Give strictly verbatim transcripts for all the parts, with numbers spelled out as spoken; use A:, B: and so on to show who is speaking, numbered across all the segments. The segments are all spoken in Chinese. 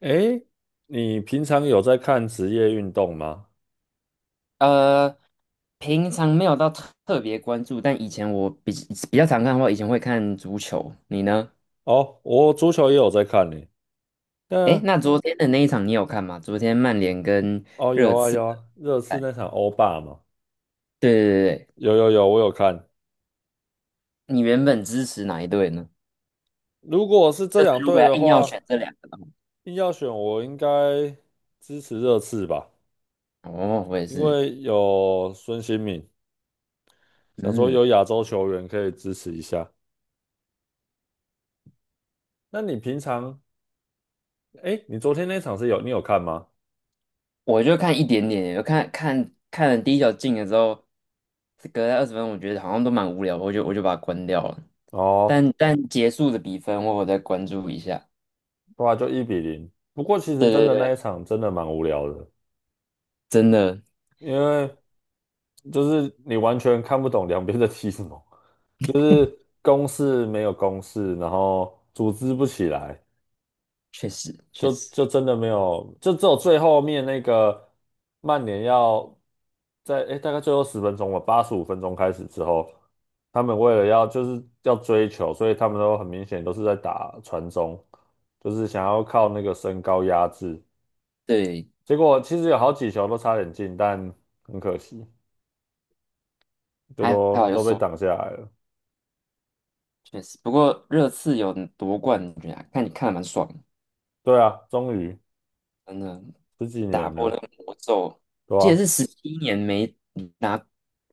A: 诶，你平常有在看职业运动吗？
B: 呃，平常没有到特特别关注，但以前我比比较常看的话，以前会看足球。你呢？
A: 哦，我足球也有在看呢。
B: 诶，
A: 那
B: 那昨天的那一场你有看吗？昨天曼联跟
A: 哦，有
B: 热
A: 啊
B: 刺
A: 有
B: 的
A: 啊，热刺
B: 赛，
A: 那场欧霸嘛，
B: 对对对对，
A: 有有有，我有看。
B: 你原本支持哪一队呢？
A: 如果是这
B: 就
A: 两
B: 是如果
A: 队
B: 要
A: 的
B: 硬要
A: 话，
B: 选这两个的话，
A: 硬要选，我应该支持热刺吧，
B: 哦，我也
A: 因
B: 是。
A: 为有孙兴慜，想说
B: 嗯，
A: 有亚洲球员可以支持一下。那你平常，诶，你昨天那场是有你有看吗？
B: 我就看一点点，我看看看了第一球进了之后，隔了二十分，我觉得好像都蛮无聊的我就我就把它关掉了。
A: 哦，
B: 但但结束的比分，我有再关注一下。
A: 对啊，就一比零。不过其实
B: 对
A: 真
B: 对
A: 的那一
B: 对。
A: 场真的蛮无聊的，
B: 真的，
A: 因为。就是你完全看不懂两边在踢什么，就是攻势没有攻势，然后组织不起来，
B: 确实确
A: 就
B: 实，
A: 就真的没有，就只有最后面那个曼联要在诶、大概最后十分钟吧，八十五分钟开始之后，他们为了要就是要追求，所以他们都很明显都是在打传中，就是想要靠那个身高压制，
B: 对，
A: 结果其实有好几球都差点进，但很可惜，就
B: 还还
A: 都
B: 好有
A: 都被
B: 手，
A: 挡下来了。
B: 确实。不过热刺有夺冠军啊，看看的蛮爽的，
A: 对啊，终于
B: 真的
A: 十几
B: 打
A: 年
B: 破那
A: 了，
B: 个魔咒，
A: 对
B: 这也
A: 啊，
B: 是十七年没拿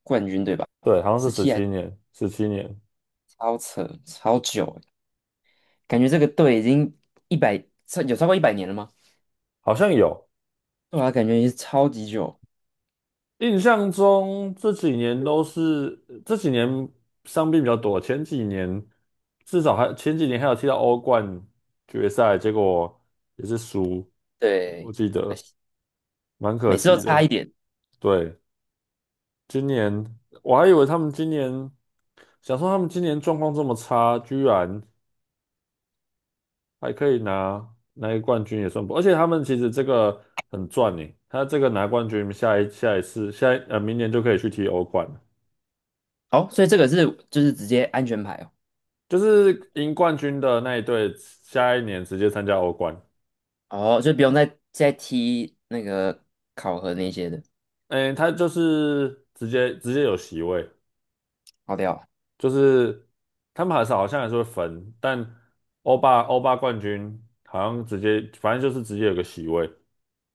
B: 冠军对吧？
A: 对，好像是十七年，十七年，
B: 超扯，超久欸，感觉这个队已经一百，超有超过一百年了吗？
A: 好像有。
B: 对啊，感觉也是超级久。
A: 印象中这几年都是这几年伤病比较多，前几年至少还前几年还有踢到欧冠决赛，结果也是输，我我
B: 对，
A: 记
B: 可
A: 得
B: 惜
A: 蛮可
B: 每次都
A: 惜
B: 差
A: 的。
B: 一点。
A: 对，今年我还以为他们今年想说他们今年状况这么差，居然。还可以拿拿一个冠军也算不，而且他们其实这个很赚呢。他这个拿冠军，下一下一次，下一呃明年就可以去踢欧冠了，
B: 哦，所以这个是就是直接安全牌。
A: 就是赢冠军的那一队，下一年直接参加欧冠。
B: 哦，哦，就不用再再踢那个考核那些的。
A: 哎，他就是直接直接有席位，
B: 跑掉。
A: 就是他们还是好像还是会分，但欧霸欧霸冠军好像直接，反正就是直接有个席位，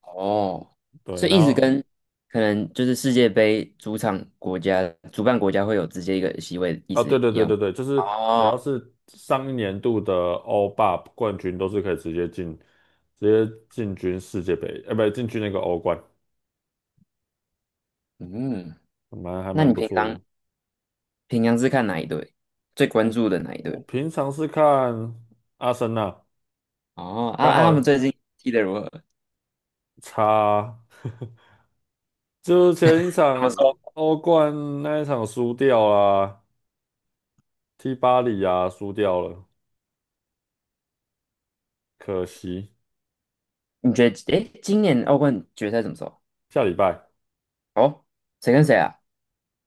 B: 哦，
A: 对，
B: 所以
A: 然
B: 一直
A: 后
B: 跟可能就是世界杯主场国家、主办国家会有直接一个席位的意
A: 啊，
B: 思
A: 对对
B: 一
A: 对
B: 样。
A: 对对，就是只
B: 哦。
A: 要是上一年度的欧霸冠军，都是可以直接进，直接进军世界杯，呃，不，对，进军那个欧冠，
B: 嗯，
A: 蛮还
B: 那
A: 蛮
B: 你
A: 不
B: 平
A: 错的。
B: 常平常是看哪一队？最关注的哪一
A: 我
B: 队？
A: 平常是看阿森纳，
B: 哦，啊
A: 刚
B: 啊，他们
A: 好
B: 最近踢得如何？怎
A: 差，就是前一
B: 么
A: 场
B: 说？
A: 欧冠那一场输掉啦，踢巴黎啊，输掉了，可惜。
B: 你觉得，诶，今年欧冠决赛怎么说？
A: 下礼拜
B: 哦，谁跟谁啊？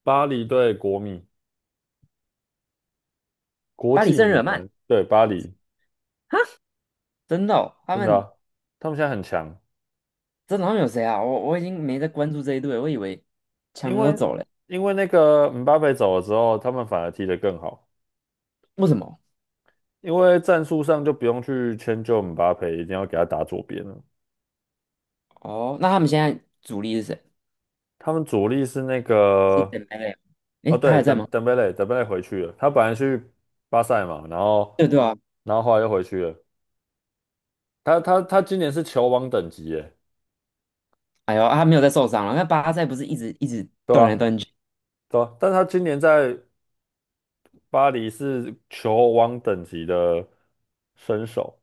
A: 巴黎对国米，国
B: 巴黎
A: 际
B: 圣日
A: 米
B: 耳曼，
A: 兰对巴黎，
B: 真的哦，他
A: 真的
B: 们
A: 啊他们现在很强。
B: 真的他们有谁啊？我我已经没在关注这一队了，我以为强
A: 因
B: 人都
A: 为
B: 走了。
A: 因为那个姆巴佩走了之后，他们反而踢得更好，
B: 为什么？
A: 因为战术上就不用去迁就姆巴佩，一定要给他打左边了。
B: 哦，那他们现在主力是谁？
A: 他们主力是那
B: 还是
A: 个，
B: 登贝啊，诶，
A: 哦
B: 他
A: 对，
B: 还在
A: 登
B: 吗？
A: 登贝勒，登贝勒回去了，他本来去巴塞嘛，然后
B: 对对啊。
A: 然后后来又回去了。他他他今年是球王等级耶，
B: 哎呦，啊他没有在受伤了。那巴塞不是一直一直
A: 对
B: 断来
A: 吧？
B: 断去？
A: 对啊，但他今年在巴黎是球王等级的身手，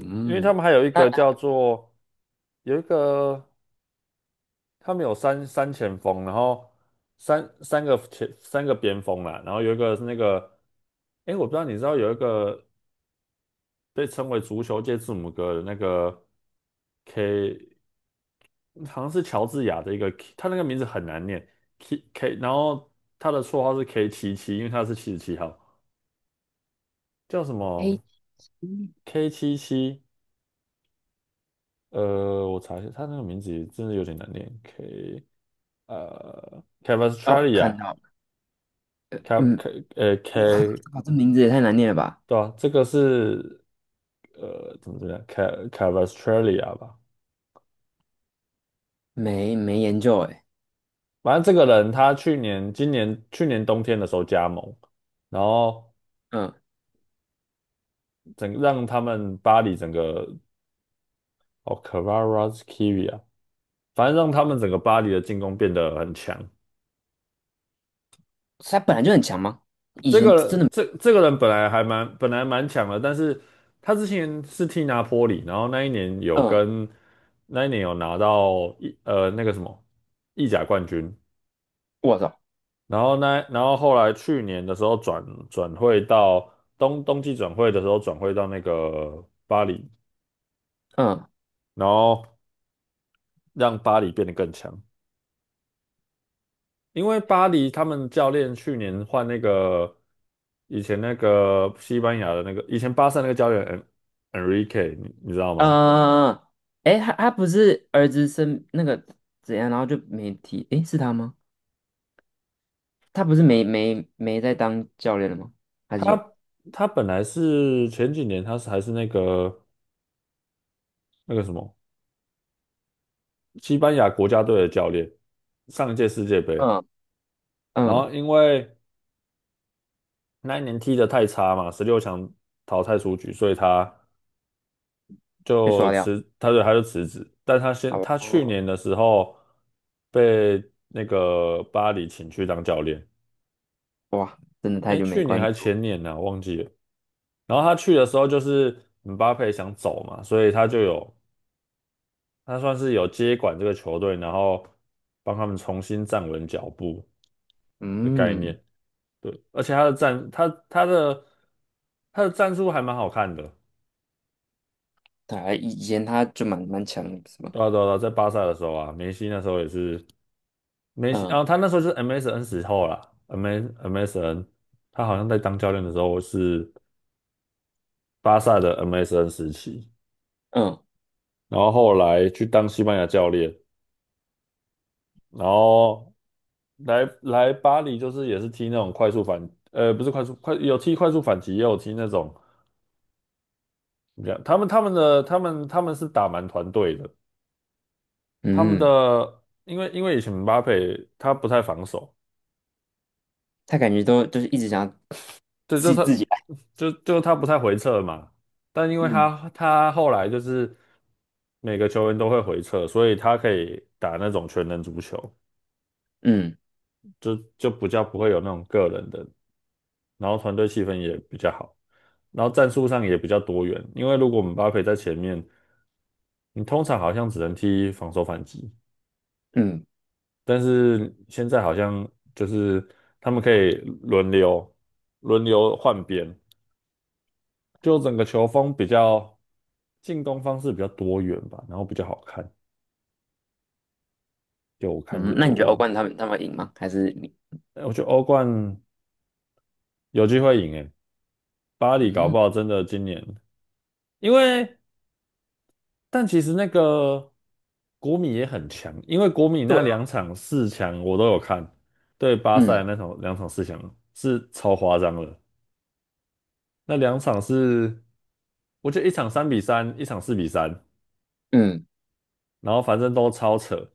A: 因为他们还有一
B: 那
A: 个叫做有一个。他们有三三前锋，然后三三个前三个边锋啦，然后有一个是那个，哎，我不知道你知道有一个被称为足球界字母哥的那个 K，好像是乔治亚的一个 K，他那个名字很难念 K K，然后他的绰号是 K 七七，因为他是七十七号，叫什
B: A，
A: 么 K 七七？呃，我查一下，他那个名字真的有点难念，K 呃 c a v a s t r a l
B: 哦，
A: i
B: 看
A: a
B: 到了。
A: K
B: 嗯，
A: K 呃 K。
B: 哇，这名字也太难念了吧？
A: 对啊，这个是呃，怎么怎么样 c a c a v a s t r a l i a 吧，
B: 没没研究哎。
A: 反正这个人他去年、今年、去年冬天的时候加盟，然后
B: 嗯，
A: 整让他们巴黎整个哦 c a v a r a s k i v i a 反正让他们整个巴黎的进攻变得很强。
B: 他本来就很强吗？以
A: 这
B: 前真
A: 个
B: 的，
A: 这这个人本来还蛮本来蛮强的，但是他之前是踢拿坡里，然后那一年有
B: 嗯，
A: 跟那一年有拿到一呃那个什么意甲冠军。
B: 我操。
A: 然后呢，然后后来去年的时候转转会到冬冬季转会的时候转会到那个巴黎，
B: 嗯
A: 然后让巴黎变得更强。因为巴黎他们教练去年换那个以前那个西班牙的那个以前巴萨那个教练 En- Enrique，你你知道吗？
B: 嗯，哎，他他不是儿子生那个怎样，然后就没提。哎，是他吗？他不是没没没在当教练了吗？还是有？
A: 他他本来是前几年他是还是那个那个什么西班牙国家队的教练，上一届世界杯。
B: 嗯
A: 然
B: 嗯，
A: 后因为那一年踢得太差嘛，十六强淘汰出局，所以他
B: 被
A: 就
B: 刷掉。
A: 辞，他就他就辞职。但他现他去
B: 哦，
A: 年的时候被那个巴黎请去当教练，
B: 哇，真的太
A: 哎，
B: 久没
A: 去年
B: 关
A: 还
B: 注。
A: 前年呢、忘记了。然后他去的时候就是姆巴佩想走嘛，所以他就有他算是有接管这个球队，然后帮他们重新站稳脚步的概
B: 嗯，
A: 念。对，而且他的战他他的他的战术还蛮好看的。
B: 他以以前他就蛮蛮强的，是吧？
A: 对啊对啊，对啊在巴萨的时候啊，梅西那时候也是梅西啊，
B: 嗯
A: 他那时候就是 M S N 时候啦，M M S N，他好像在当教练的时候是巴萨的 M S N 时期，
B: 嗯
A: 然后后来去当西班牙教练，然后来来巴黎就是也是踢那种快速反，呃，不是快速快有踢快速反击，也有踢那种怎么讲他们他们的他们他们是打蛮团队的，他们
B: 嗯，
A: 的因为因为以前姆巴佩他不太防守，
B: 他感觉都就是一直想要
A: 对，就
B: 自己
A: 他，
B: 自己来。
A: 就就他不太回撤嘛，但因为
B: 嗯
A: 他他后来就是每个球员都会回撤，所以他可以打那种全能足球，
B: 嗯
A: 就就比较不会有那种个人的，然后团队气氛也比较好，然后战术上也比较多元，因为如果我姆巴佩在前面，你通常好像只能踢防守反击，
B: 嗯
A: 但是现在好像就是他们可以轮流轮流换边，就整个球风比较进攻方式比较多元吧，然后比较好看。就我看着
B: 嗯，那
A: 我
B: 你觉得欧
A: 我
B: 冠他们他们会赢吗？还是你？
A: 哎我觉得欧冠有机会赢诶，巴黎搞
B: 嗯，
A: 不好真的今年，因为但其实那个国米也很强，因为国米
B: 对
A: 那
B: 啊。
A: 两场四强我都有看，对巴塞
B: 嗯
A: 那场两场四强是超夸张的，那两场是我觉得一场三比三，一场四比三，
B: 嗯，
A: 然后反正都超扯。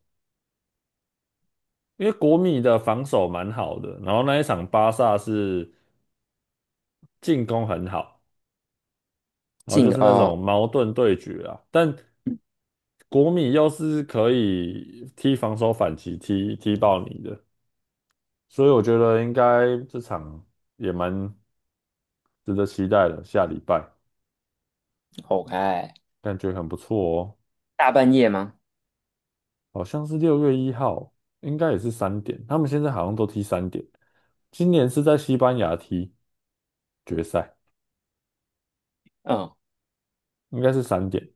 A: 因为国米的防守蛮好的，然后那一场巴萨是进攻很好，然后就
B: 进
A: 是那
B: 哦
A: 种矛盾对决啊。但国米又是可以踢防守反击，踢踢爆你的，所以我觉得应该这场也蛮值得期待的。下礼拜
B: ，OK，
A: 感觉很不错哦，
B: 大半夜吗？
A: 好像是六月一号，应该也是三点。他们现在好像都踢三点，今年是在西班牙踢决赛，
B: 嗯，
A: 应该是三点。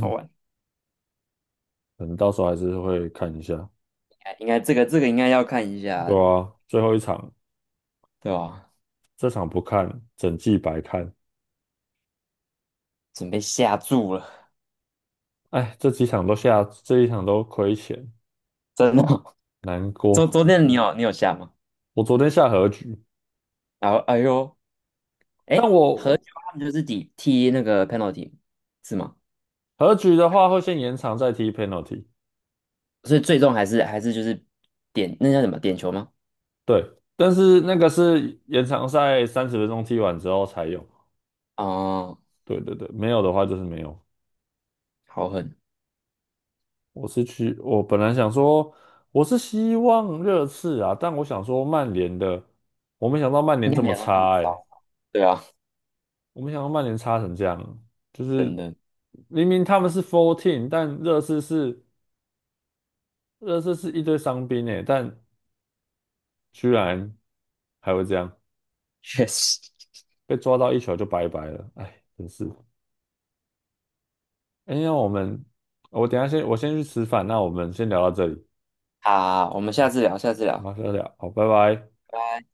B: 好玩。
A: 可能到时候还是会看一下。
B: 哎应该这个这个应该要看一
A: 对
B: 下，
A: 啊，最后一场，
B: 对吧？
A: 这场不看，整季白看。
B: 准备下注了。
A: 哎，这几场都下，这一场都亏钱，
B: 真的哦。
A: 难
B: 昨昨
A: 过。
B: 天你有你有下吗？
A: 我昨天下和局，
B: 然后哎呦。
A: 但
B: 哎，和
A: 我
B: 球他们就是抵踢那个 penalty 是吗？
A: 和局的话会先延长再踢 penalty，
B: 所以最终还是还是就是点那叫什么点球吗？
A: 对，但是那个是延长赛三十分钟踢完之后才有。
B: 哦，
A: 对对对，没有的话就是没有。
B: 好狠，
A: 我是去，我本来想说，我是希望热刺啊，但我想说曼联的，我没想到曼
B: 应
A: 联
B: 该
A: 这
B: 没
A: 么
B: 有到那么
A: 差哎、
B: 糟。对啊，
A: 我没想到曼联差成这样，就是
B: 真的，
A: 明明他们是 f o u r t e e n 但热刺是热刺是一堆伤兵诶，但居然还会这样，
B: 确实。
A: 被抓到一球就拜拜了，哎，真是。哎，那我们我等一下先我先去吃饭，那我们先聊到这里，
B: 好，我们下次聊，下次聊，
A: 马上聊，好，拜拜。
B: 拜拜。